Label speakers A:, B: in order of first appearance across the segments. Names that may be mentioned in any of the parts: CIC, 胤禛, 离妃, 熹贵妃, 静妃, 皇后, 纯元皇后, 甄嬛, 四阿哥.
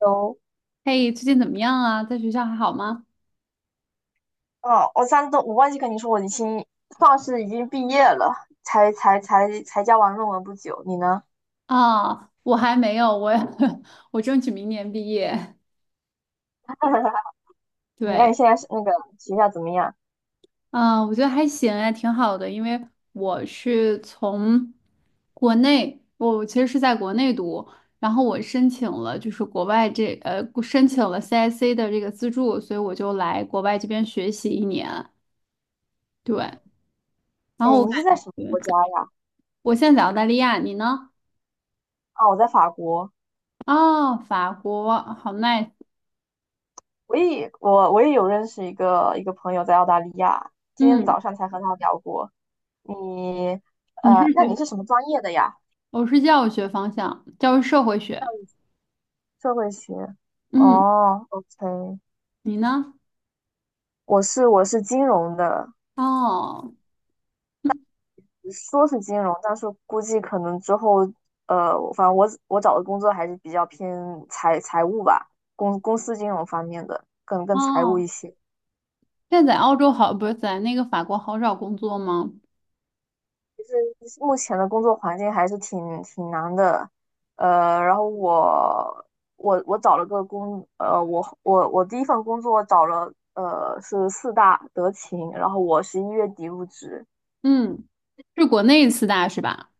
A: 有，
B: 嘿，最近怎么样啊？在学校还好吗？
A: 哦，我上次我忘记跟你说，我算是已经毕业了，才交完论文不久。你呢？
B: 啊，我还没有，我 我争取明年毕业。
A: 那你
B: 对。
A: 现在是那个学校怎么样？
B: 嗯，我觉得还行哎，挺好的，因为我是从国内，我其实是在国内读，然后我申请了就是国外这申请了 CIC 的这个资助，所以我就来国外这边学习一年。对，然
A: 哎，
B: 后我
A: 你
B: 感
A: 是在
B: 觉
A: 什么国家呀？
B: 我现在在澳大利亚，你呢？
A: 啊，我在法国。
B: 哦，法国，好 nice。
A: 我也有认识一个朋友在澳大利亚，今天
B: 嗯，
A: 早上才和他聊过。你
B: 你是
A: 那你
B: 学？
A: 是什么专业的呀？
B: 我是教育学方向，教育社会学。
A: 社会学。
B: 嗯，
A: 哦，OK，
B: 你呢？
A: 我是金融的，
B: 哦
A: 说是金融，但是估计可能之后，反正我找的工作还是比较偏财务吧，公司金融方面的，更财务
B: 哦，
A: 一些。
B: 现在在澳洲好，不是在那个法国好找工作吗？
A: 就是目前的工作环境还是挺难的，然后我我我找了个工，呃，我第一份工作找了，是四大德勤，然后我11月底入职。
B: 嗯，是国内四大是吧？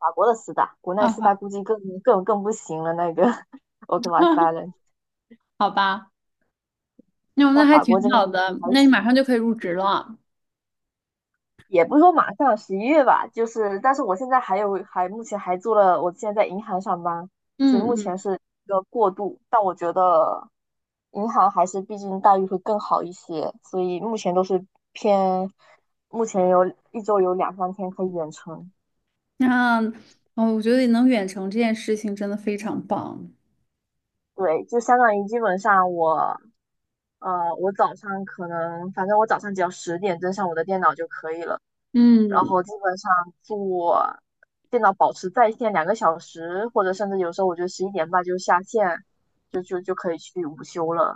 A: 法国的四大，国内
B: 啊，
A: 四大
B: 好。
A: 估计更不行了，那个 我 o r k l
B: 好吧，那
A: 到
B: 还
A: 法国这
B: 挺
A: 边
B: 好
A: 可能
B: 的，
A: 还
B: 那你
A: 行，
B: 马上就可以入职了。
A: 也不是说马上十一月吧，就是但是我现在还目前还做了，我现在在银行上班，所以
B: 嗯
A: 目前
B: 嗯，
A: 是一个过渡，但我觉得银行还是毕竟待遇会更好一些，所以目前都是偏，目前有一周有两三天可以远程。
B: 那哦，我觉得能远程这件事情真的非常棒。
A: 对，就相当于基本上我。我早上可能，反正我早上只要10点登上我的电脑就可以了，然
B: 嗯，
A: 后基本上做电脑保持在线2个小时，或者甚至有时候我觉得11点半就下线，就可以去午休了，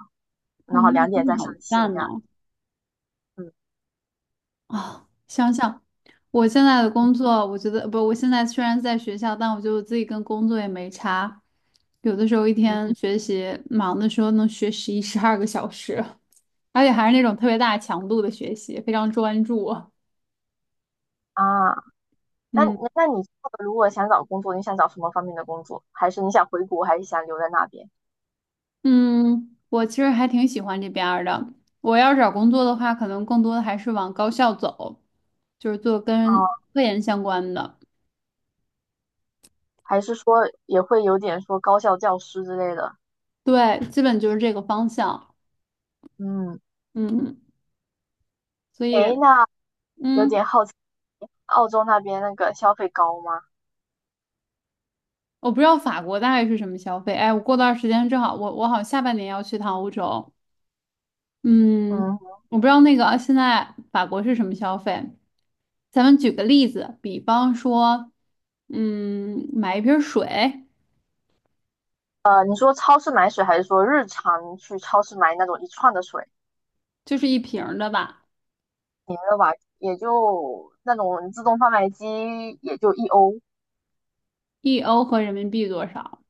B: 我
A: 然后
B: 们那
A: 2点
B: 真的
A: 再
B: 好
A: 上线
B: 赞
A: 这样。
B: 呢。
A: 嗯
B: 哦，想想我现在的工作，我觉得不，我现在虽然在学校，但我觉得我自己跟工作也没差。有的时候一
A: 嗯。
B: 天学习忙的时候能学11、12个小时，而且还是那种特别大强度的学习，非常专注啊。
A: 啊，那
B: 嗯
A: 那你如果想找工作，你想找什么方面的工作？还是你想回国，还是想留在那边？
B: 嗯，我其实还挺喜欢这边儿的。我要是找工作的话，可能更多的还是往高校走，就是做跟
A: 哦，
B: 科研相关的。
A: 还是说也会有点说高校教师之类的？
B: 对，基本就是这个方向。
A: 嗯，
B: 嗯，所以
A: 诶，那有
B: 嗯。
A: 点好奇，澳洲那边那个消费高吗？
B: 我不知道法国大概是什么消费。哎，我过段儿时间正好，我好像下半年要去趟欧洲。嗯，
A: 嗯。
B: 我不知道那个现在法国是什么消费。咱们举个例子，比方说，嗯，买一瓶水，
A: 你说超市买水，还是说日常去超市买那种一串的水？
B: 就是一瓶儿的吧，
A: 你们的吧，也就那种自动贩卖机，也就1欧。
B: 1欧合人民币多少？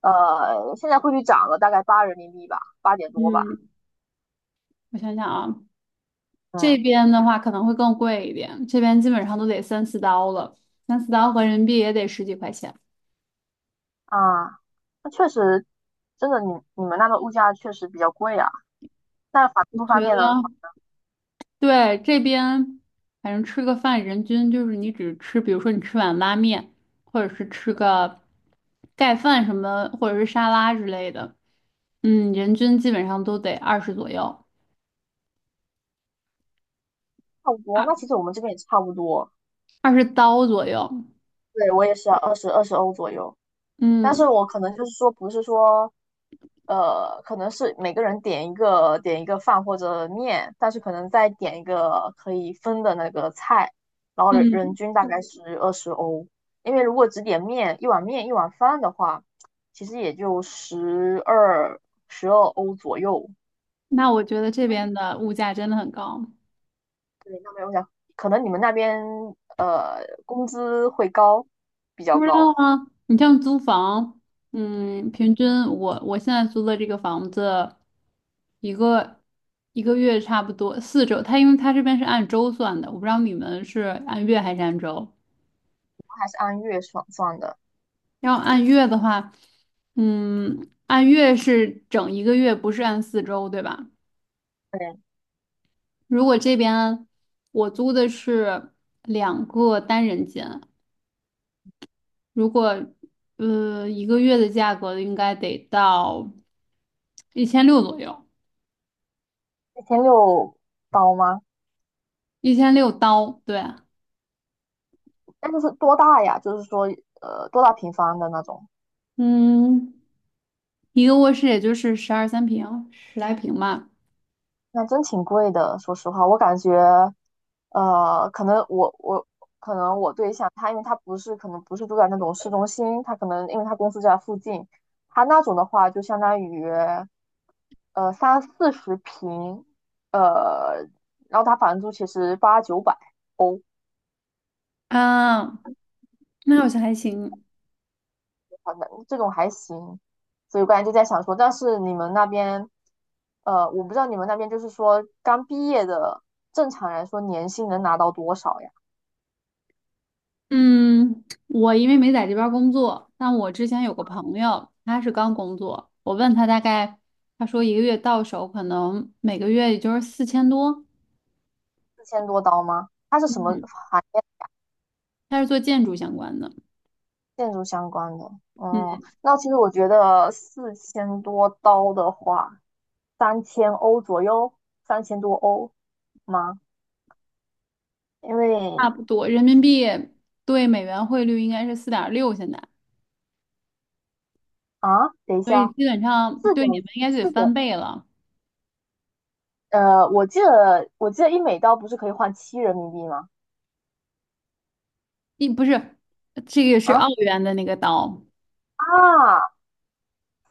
A: 现在汇率涨了大概八人民币吧，8点多吧。
B: 嗯，我想想啊，这
A: 嗯。
B: 边的话可能会更贵一点，这边基本上都得三四刀了，三四刀合人民币也得十几块钱。
A: 啊，那确实，真的你们那边物价确实比较贵啊。那房
B: 我
A: 租方
B: 觉
A: 面
B: 得。
A: 呢，
B: 对，这边反正吃个饭，人均就是你只吃，比如说你吃碗拉面，或者是吃个盖饭什么，或者是沙拉之类的，嗯，人均基本上都得二十左右，
A: 差不多。那
B: 二
A: 其实我们这边也差不多。
B: 二十刀左右。
A: 对，我也是二十欧左右。但是
B: 嗯
A: 我可能就是说，不是说，可能是每个人点一个饭或者面，但是可能再点一个可以分的那个菜，然后人人
B: 嗯，
A: 均大概是二十欧。因为如果只点面，一碗面一碗饭的话，其实也就十二欧左右。
B: 那我觉得这
A: 嗯。
B: 边的物价真的很高，
A: 对，那没有想，可能你们那边呃工资会高，比较
B: 不知道
A: 高，
B: 啊，你像租房，嗯，平均我现在租的这个房子。一个一个月差不多四周，他因为他这边是按周算的，我不知道你们是按月还是按周。
A: 还是按月算的。
B: 要按月的话，嗯，按月是整一个月，不是按四周，对吧？
A: 对，
B: 如果这边我租的是2个单人间，如果一个月的价格应该得到一千六左右，
A: 1600刀吗？
B: 1600刀，对啊，
A: 那就是多大呀？就是说，多大平方的那种？
B: 嗯，一个卧室也就是12、13平，十来平吧。
A: 那真挺贵的。说实话，我感觉，可能我可能我对象他，因为他不是可能不是住在那种市中心，他可能因为他公司就在附近，他那种的话就相当于30-40平，呃，然后他房租其实800-900，
B: 啊，那好像还行。
A: 好像这种还行，所以我刚才就在想说，但是你们那边，我不知道你们那边就是说刚毕业的，正常来说年薪能拿到多少呀？
B: 嗯，我因为没在这边儿工作，但我之前有个朋友，他是刚工作，我问他大概，他说一个月到手可能每个月也就是4000多。
A: 四千多刀吗？它是什么
B: 嗯，
A: 行业？
B: 他是做建筑相关的，
A: 建筑相关的。
B: 嗯，
A: 哦、那其实我觉得四千多刀的话，3000欧左右，3000多欧吗？因
B: 差
A: 为
B: 不多人民币对美元汇率应该是4.6现在，
A: 啊，等一
B: 所以
A: 下，
B: 基本上
A: 四
B: 对
A: 点
B: 你们应该就得
A: 四点，
B: 翻倍了。
A: 我记得一美刀不是可以换7人民币吗？
B: 一不是，这个是
A: 啊，
B: 澳元的那个刀，
A: 啊，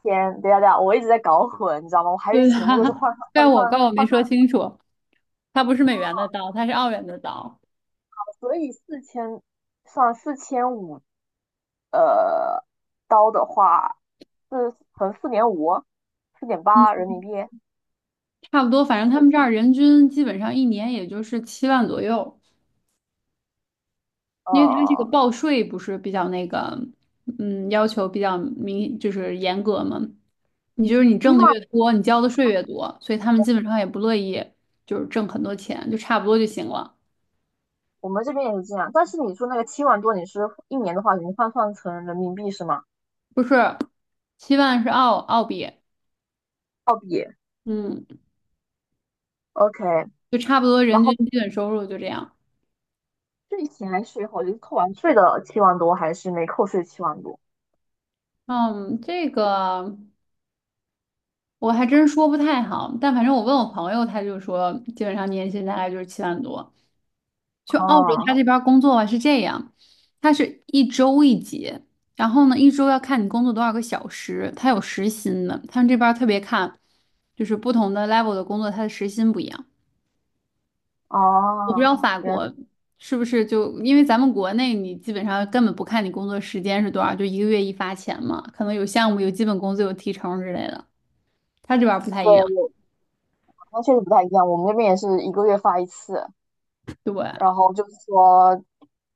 A: 天，等一下等一下，我一直在搞混，你知道吗？我还以为
B: 对。是
A: 全部都是
B: 他，
A: 换算
B: 怪
A: 换
B: 我
A: 算
B: 怪我没
A: 换算，
B: 说清楚。它不是美元的刀，它是澳元的刀。
A: 所以四千算4500，呃，刀的话是乘4.5，四点八
B: 嗯，
A: 人民币，
B: 差不多，反正他们这
A: 四
B: 儿人均基本上一年也就是七万左右，因为它这个
A: 呃
B: 报税不是比较那个，嗯，要求比较明，就是严格嘛。你就是你
A: 七
B: 挣的
A: 万，
B: 越多，你交的税越多，所以他们基本上也不乐意就是挣很多钱，就差不多就行了。
A: 我们这边也是这样。但是你说那个七万多，你是一年的话，你换算成人民币是吗？
B: 不是，七万是澳币，
A: 澳币
B: 嗯，
A: ，OK。
B: 就差不多
A: 然
B: 人均
A: 后
B: 基本收入就这样。
A: 税前税后就是扣完税的七万多，还是没扣税七万多？
B: 嗯，这个。我还真说不太好，但反正我问我朋友，他就说基本上年薪大概就是7万多。就澳洲他
A: 哦
B: 这边儿工作啊是这样，他是一周一结，然后呢一周要看你工作多少个小时，他有时薪的。他们这边儿特别看，就是不同的 level 的工作，他的时薪不一样。我不知道
A: 哦。
B: 法国是不是就因为咱们国内你基本上根本不看你工作时间是多少，就一个月一发钱嘛，可能有项目有基本工资有提成之类的，他这边儿不太一样，
A: 对，那确实不太一样，我们那边也是一个月发一次，
B: 对。
A: 然后就是说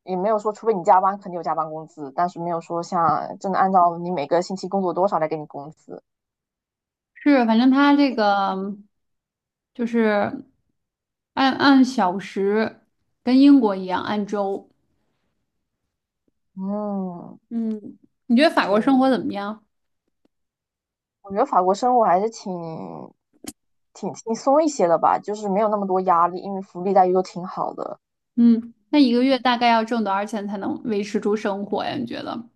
A: 也没有说，除非你加班，肯定有加班工资，但是没有说像真的按照你每个星期工作多少来给你工资。
B: 是，反正他这个就是按小时，跟英国一样按周。
A: 嗯，
B: 嗯，你觉得法国生
A: 对，
B: 活怎么样？
A: 我觉得法国生活还是挺轻松一些的吧，就是没有那么多压力，因为福利待遇都挺好的。
B: 嗯，那一个月大概要挣多少钱才能维持住生活呀？你觉得？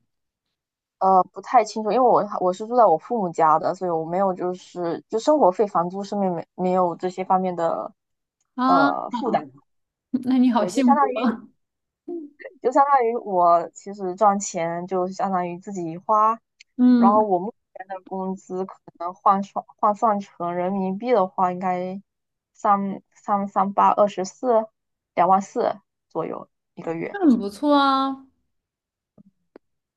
A: 不太清楚，因为我是住在我父母家的，所以我没有就是生活费、房租上面没有这些方面的
B: 啊，
A: 负 担。
B: 那你好
A: 对，就相
B: 幸福
A: 当于
B: 啊
A: 就相当于我其实赚钱就相当于自己花，然后
B: 嗯，
A: 我目前的工资可能换算成人民币的话，应该三三三八二十四，2.4万左右一个月。
B: 那很不错啊。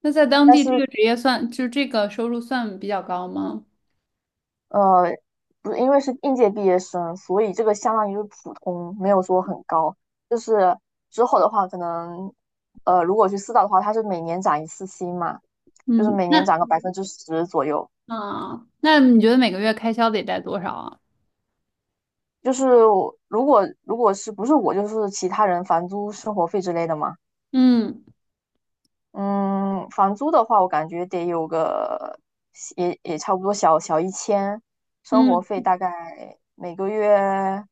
B: 那在当
A: 但
B: 地这
A: 是
B: 个职业算，就这个收入算比较高吗？
A: 呃，不是因为是应届毕业生，所以这个相当于是普通，没有说很高。就是之后的话，可能如果去四大的话，它是每年涨一次薪嘛，就是
B: 嗯，
A: 每年
B: 那
A: 涨个10%左右。
B: 啊，那你觉得每个月开销得带多少啊？
A: 就是我如果是不是我就是其他人房租、生活费之类的嘛。
B: 嗯。
A: 嗯，房租的话，我感觉得有个也差不多小一千，生活
B: 嗯，
A: 费大概每个月，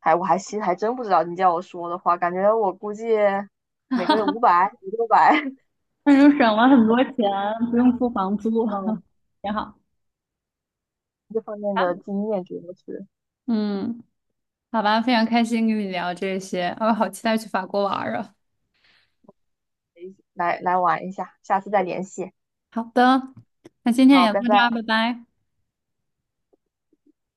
A: 还我还其实还真不知道。你叫我说的话，感觉我估计每个月500、500-600。
B: 那就省了很多钱，不用付房租，
A: 嗯，
B: 挺好。
A: 这方面的经验主要是
B: 嗯，好吧，非常开心跟你聊这些，我好期待去法国玩儿啊。
A: 来玩一下，下次再联系。
B: 好的，那今天也
A: 好，
B: 到
A: 拜
B: 这儿，
A: 拜。
B: 拜拜。